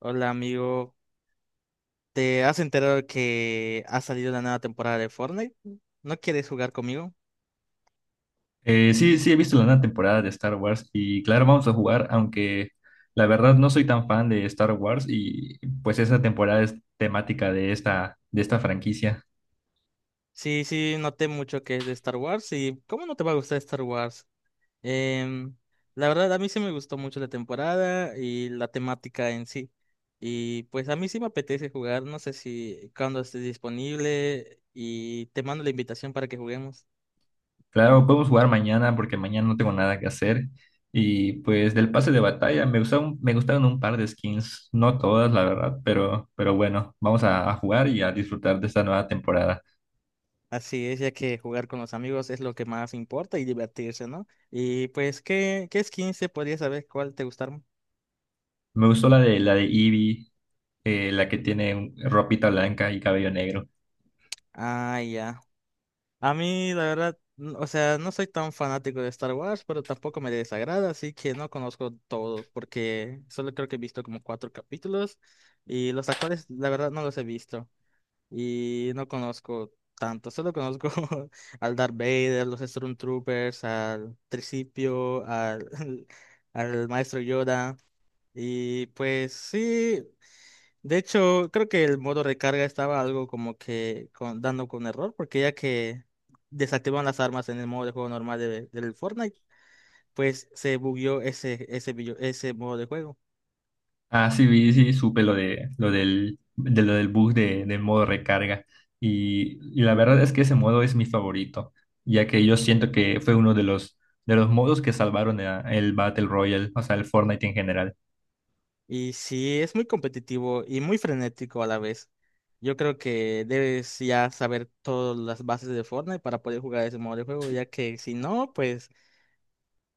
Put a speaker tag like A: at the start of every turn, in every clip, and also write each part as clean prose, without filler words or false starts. A: Hola amigo, ¿te has enterado que ha salido la nueva temporada de Fortnite? ¿No quieres jugar conmigo?
B: Sí, sí, he visto la nueva temporada de Star Wars y claro, vamos a jugar, aunque la verdad no soy tan fan de Star Wars y pues esa temporada es temática de esta franquicia.
A: Sí, sí, noté mucho que es de Star Wars y ¿cómo no te va a gustar Star Wars? Em, la verdad, a mí sí me gustó mucho la temporada y la temática en sí. Y pues a mí sí me apetece jugar, no sé si cuando estés disponible y te mando la invitación para que juguemos.
B: Claro, podemos jugar mañana porque mañana no tengo nada que hacer y pues del pase de batalla me gustaron un par de skins, no todas la verdad, pero bueno, vamos a jugar y a disfrutar de esta nueva temporada.
A: Así es, ya que jugar con los amigos es lo que más importa y divertirse, ¿no? Y pues, ¿qué skins se podría saber cuál te gustaron?
B: Me gustó la de Eevee, la que tiene ropita blanca y cabello negro.
A: Ah, ya. A mí, la verdad, o sea, no soy tan fanático de Star Wars, pero tampoco me desagrada, así que no conozco todos, porque solo creo que he visto como cuatro capítulos y los actores, la verdad, no los he visto y no conozco tanto, solo conozco al Darth Vader, los Stormtroopers, al Tricipio, al maestro Yoda. Y pues sí, de hecho, creo que el modo recarga estaba algo como que dando con error, porque ya que desactivan las armas en el modo de juego normal del Fortnite, pues se bugueó ese modo de juego.
B: Ah, sí, vi, sí, supe lo del bug del modo recarga. Y la verdad es que ese modo es mi favorito, ya que yo siento que fue uno de los modos que salvaron el Battle Royale, o sea, el Fortnite en general.
A: Y sí, es muy competitivo y muy frenético a la vez. Yo creo que debes ya saber todas las bases de Fortnite para poder jugar ese modo de juego, ya que si no, pues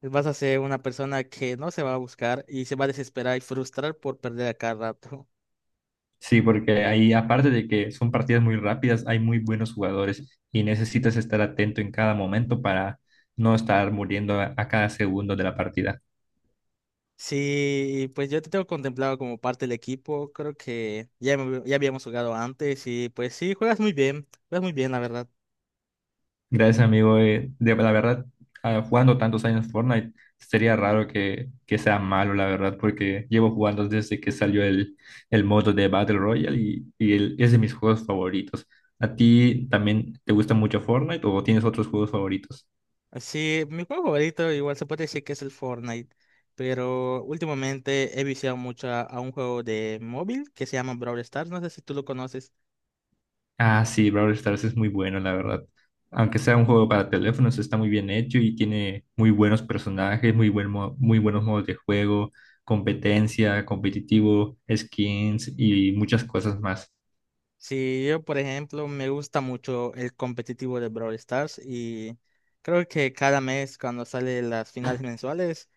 A: vas a ser una persona que no se va a buscar y se va a desesperar y frustrar por perder a cada rato.
B: Sí, porque ahí, aparte de que son partidas muy rápidas, hay muy buenos jugadores y necesitas estar atento en cada momento para no estar muriendo a cada segundo de la partida.
A: Sí, pues yo te tengo contemplado como parte del equipo, creo que ya, ya habíamos jugado antes y pues sí, juegas muy bien, la verdad.
B: Gracias, amigo. La verdad, jugando tantos años Fortnite, sería raro que sea malo, la verdad, porque llevo jugando desde que salió el modo de Battle Royale y es de mis juegos favoritos. ¿A ti también te gusta mucho Fortnite o tienes otros juegos favoritos?
A: Sí, mi juego favorito igual se puede decir que es el Fortnite, pero últimamente he viciado mucho a un juego de móvil que se llama Brawl Stars, no sé si tú lo conoces.
B: Ah, sí, Brawl Stars es muy bueno, la verdad. Aunque sea un juego para teléfonos, está muy bien hecho y tiene muy buenos personajes, muy buenos modos de juego, competencia, competitivo, skins y muchas cosas más.
A: Sí, yo por ejemplo me gusta mucho el competitivo de Brawl Stars y creo que cada mes cuando salen las finales mensuales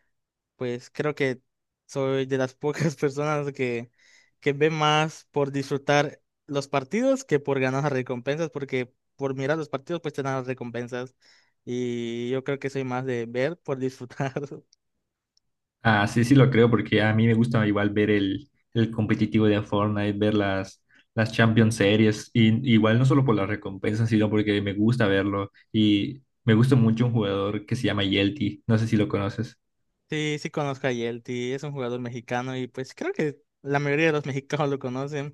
A: pues creo que soy de las pocas personas que ve más por disfrutar los partidos que por ganar las recompensas, porque por mirar los partidos pues te dan las recompensas. Y yo creo que soy más de ver por disfrutar.
B: Ah, sí, sí lo creo, porque a mí me gusta igual ver el competitivo de Fortnite, ver las Champions Series, y igual no solo por las recompensas, sino porque me gusta verlo, y me gusta mucho un jugador que se llama Yelty, no sé si lo conoces.
A: Sí, sí conozco a Yelty, es un jugador mexicano y pues creo que la mayoría de los mexicanos lo conocen.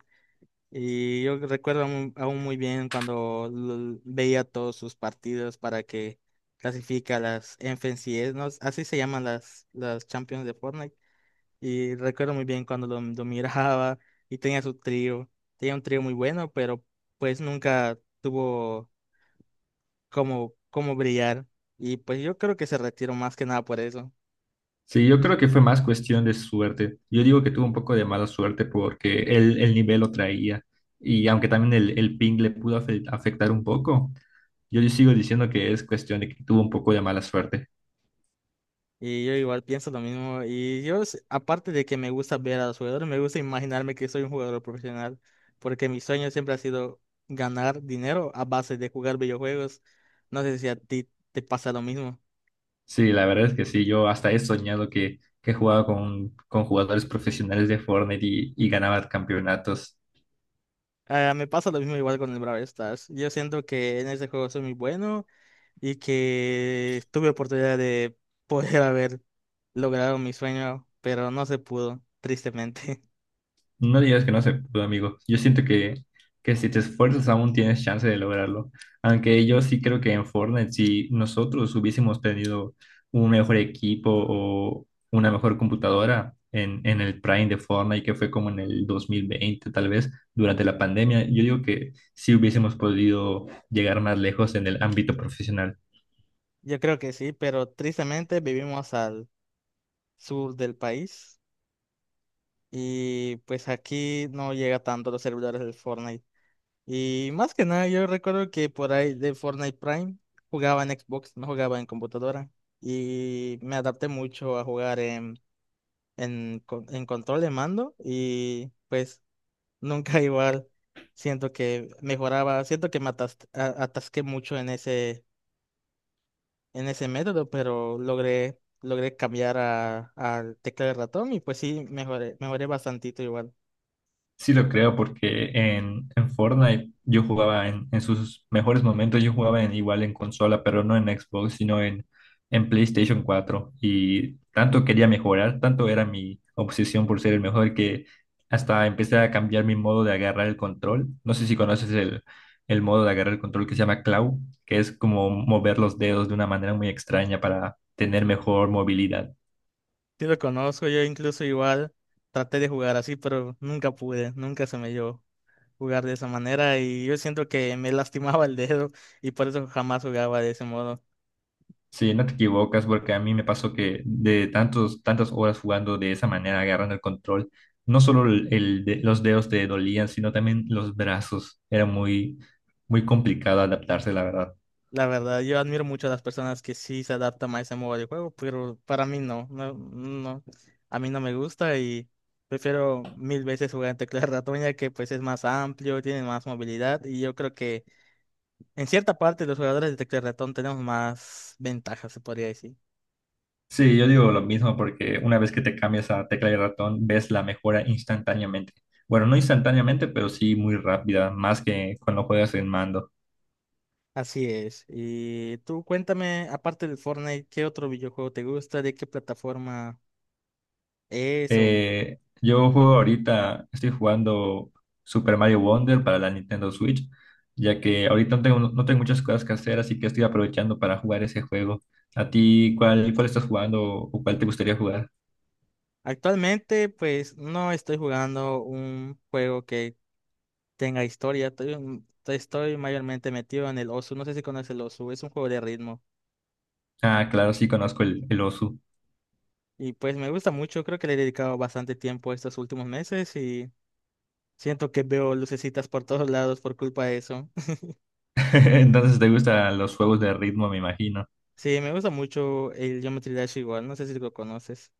A: Y yo recuerdo aún muy bien cuando veía todos sus partidos para que clasifica a las FNCS, ¿no? Así se llaman las Champions de Fortnite. Y recuerdo muy bien cuando lo miraba y tenía su trío. Tenía un trío muy bueno, pero pues nunca tuvo como brillar. Y pues yo creo que se retiró más que nada por eso.
B: Sí, yo creo que fue más cuestión de suerte. Yo digo que tuvo un poco de mala suerte porque el nivel lo traía, y aunque también el ping le pudo afectar un poco, yo sigo diciendo que es cuestión de que tuvo un poco de mala suerte.
A: Y yo igual pienso lo mismo. Y yo, aparte de que me gusta ver a los jugadores, me gusta imaginarme que soy un jugador profesional, porque mi sueño siempre ha sido ganar dinero a base de jugar videojuegos. No sé si a ti te pasa lo mismo.
B: Sí, la verdad es que sí, yo hasta he soñado que jugaba con jugadores profesionales de Fortnite y ganaba campeonatos.
A: Ah, me pasa lo mismo igual con el Brawl Stars. Yo siento que en ese juego soy muy bueno y que tuve oportunidad de poder haber logrado mi sueño, pero no se pudo, tristemente.
B: No digas que no se pudo, amigo. Yo siento que si te esfuerzas aún tienes chance de lograrlo. Aunque yo sí creo que en Fortnite, si nosotros hubiésemos tenido un mejor equipo o una mejor computadora en el Prime de Fortnite, que fue como en el 2020, tal vez, durante la pandemia, yo digo que sí hubiésemos podido llegar más lejos en el ámbito profesional.
A: Yo creo que sí, pero tristemente vivimos al sur del país y pues aquí no llega tanto a los servidores del Fortnite. Y más que nada, yo recuerdo que por ahí de Fortnite Prime jugaba en Xbox, no jugaba en computadora. Y me adapté mucho a jugar en, en control de mando y pues nunca igual. Siento que mejoraba, siento que atasqué mucho en en ese método, pero logré cambiar al teclado de ratón y pues sí, mejoré bastantito igual.
B: Sí lo creo porque en Fortnite yo jugaba en sus mejores momentos, yo jugaba igual en consola, pero no en Xbox, sino en PlayStation 4. Y tanto quería mejorar, tanto era mi obsesión por ser el mejor que hasta empecé a cambiar mi modo de agarrar el control. No sé si conoces el modo de agarrar el control que se llama claw, que es como mover los dedos de una manera muy extraña para tener mejor movilidad.
A: Sí lo conozco, yo incluso igual traté de jugar así, pero nunca pude, nunca se me dio jugar de esa manera y yo siento que me lastimaba el dedo y por eso jamás jugaba de ese modo.
B: Sí, no te equivocas porque a mí me pasó que de tantas horas jugando de esa manera, agarrando el control, no solo los dedos te dolían, sino también los brazos. Era muy complicado adaptarse, la verdad.
A: La verdad, yo admiro mucho a las personas que sí se adaptan a ese modo de juego, pero para mí no, no, no, a mí no me gusta y prefiero mil veces jugar en tecla de ratón ya que pues es más amplio, tiene más movilidad y yo creo que en cierta parte los jugadores de tecla de ratón tenemos más ventajas, se podría decir.
B: Sí, yo digo lo mismo porque una vez que te cambias a tecla y ratón, ves la mejora instantáneamente. Bueno, no instantáneamente, pero sí muy rápida, más que cuando juegas en mando.
A: Así es. Y tú cuéntame, aparte del Fortnite, ¿qué otro videojuego te gusta? ¿De qué plataforma es? O...
B: Yo juego ahorita, estoy jugando Super Mario Wonder para la Nintendo Switch, ya que ahorita no tengo muchas cosas que hacer, así que estoy aprovechando para jugar ese juego. ¿A ti cuál estás jugando o cuál te gustaría jugar?
A: Actualmente, pues no estoy jugando un juego que tenga historia. Estoy, estoy mayormente metido en el Osu. No sé si conoces el Osu, es un juego de ritmo.
B: Ah, claro, sí conozco el Osu.
A: Y pues me gusta mucho, creo que le he dedicado bastante tiempo estos últimos meses y siento que veo lucecitas por todos lados por culpa de eso.
B: Entonces te gustan los juegos de ritmo, me imagino.
A: Sí, me gusta mucho el Geometry Dash igual, no sé si lo conoces.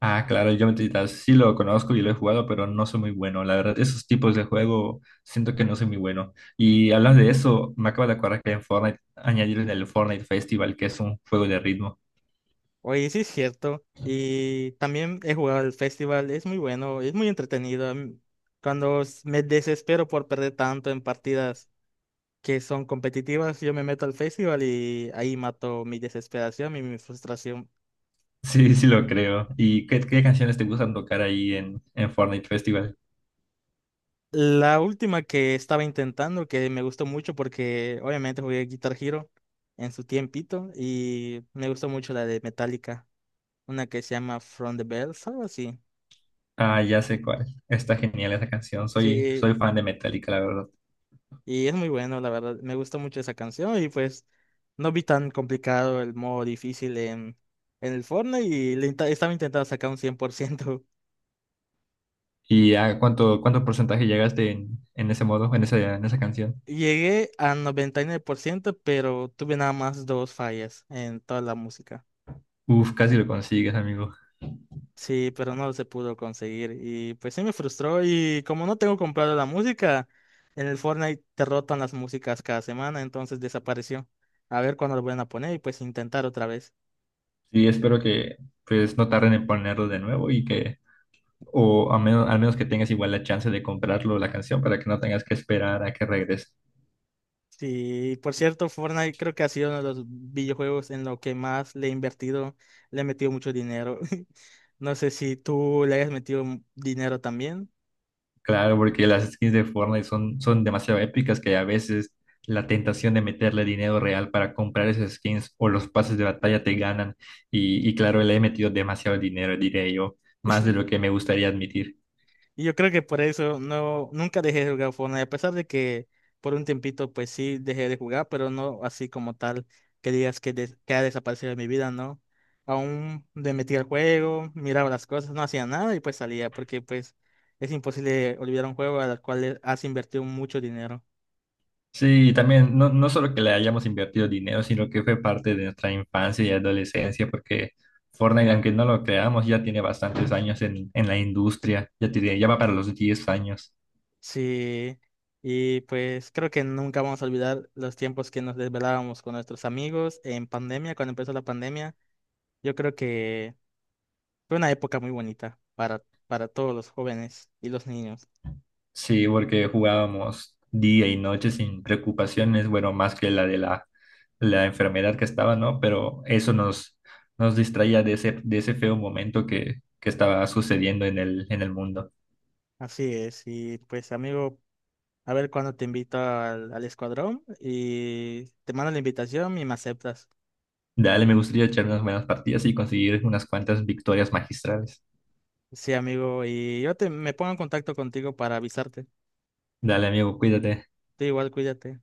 B: Ah, claro, el Geometry Dash sí lo conozco y lo he jugado, pero no soy muy bueno. La verdad, esos tipos de juego siento que no soy muy bueno. Y hablando de eso, me acabo de acordar que en Fortnite añadieron el Fortnite Festival, que es un juego de ritmo.
A: Oye, sí es cierto. Y también he jugado al festival, es muy bueno, es muy entretenido. A cuando me desespero por perder tanto en partidas que son competitivas, yo me meto al festival y ahí mato mi desesperación y mi frustración.
B: Sí, sí lo creo. ¿Y qué canciones te gustan tocar ahí en Fortnite Festival?
A: La última que estaba intentando, que me gustó mucho porque obviamente jugué Guitar Hero en su tiempito y me gustó mucho la de Metallica, una que se llama From the Bells, algo así.
B: Ah, ya sé cuál. Está genial esa canción.
A: Sí,
B: Soy fan de Metallica, la verdad.
A: y es muy bueno, la verdad. Me gusta mucho esa canción y pues no vi tan complicado el modo difícil en el Fortnite y estaba intentando sacar un 100%.
B: ¿Y a cuánto porcentaje llegaste en ese modo, en esa canción?
A: Llegué a 99% pero tuve nada más dos fallas en toda la música.
B: Uf, casi lo consigues, amigo.
A: Sí, pero no se pudo conseguir y pues sí me frustró y como no tengo comprado la música, en el Fortnite te rotan las músicas cada semana, entonces desapareció. A ver cuándo lo vuelven a poner y pues intentar otra vez.
B: Sí, espero que pues no tarden en ponerlo de nuevo y que, o a menos, al menos que tengas igual la chance de comprarlo la canción para que no tengas que esperar a que regrese.
A: Sí, por cierto, Fortnite creo que ha sido uno de los videojuegos en lo que más le he invertido, le he metido mucho dinero. No sé si tú le hayas metido dinero también.
B: Claro, porque las skins de Fortnite son demasiado épicas que a veces la tentación de meterle dinero real para comprar esas skins o los pases de batalla te ganan. Y claro, le he metido demasiado dinero, diré yo, más de lo que me gustaría admitir.
A: Y yo creo que por eso no, nunca dejé de jugar Fortnite, a pesar de que por un tiempito pues sí dejé de jugar, pero no así como tal que digas que, que ha desaparecido de mi vida, ¿no? Aún le metía al juego, miraba las cosas, no hacía nada y pues salía, porque pues es imposible olvidar un juego al cual le has invertido mucho dinero.
B: Sí, también no solo que le hayamos invertido dinero, sino que fue parte de nuestra infancia y adolescencia, porque Fortnite, aunque no lo creamos, ya tiene bastantes años en la industria, ya va para los 10 años.
A: Sí, y pues creo que nunca vamos a olvidar los tiempos que nos desvelábamos con nuestros amigos en pandemia, cuando empezó la pandemia. Yo creo que fue una época muy bonita para todos los jóvenes y los niños.
B: Sí, porque jugábamos día y noche sin preocupaciones, bueno, más que la de la enfermedad que estaba, ¿no? Pero eso nos distraía de de ese feo momento que estaba sucediendo en el mundo.
A: Así es, y pues amigo, a ver cuándo te invito al, al escuadrón y te mando la invitación y me aceptas.
B: Dale, me gustaría echar unas buenas partidas y conseguir unas cuantas victorias magistrales.
A: Sí, amigo, y yo me pongo en contacto contigo para avisarte.
B: Dale, amigo, cuídate.
A: Tú igual, cuídate.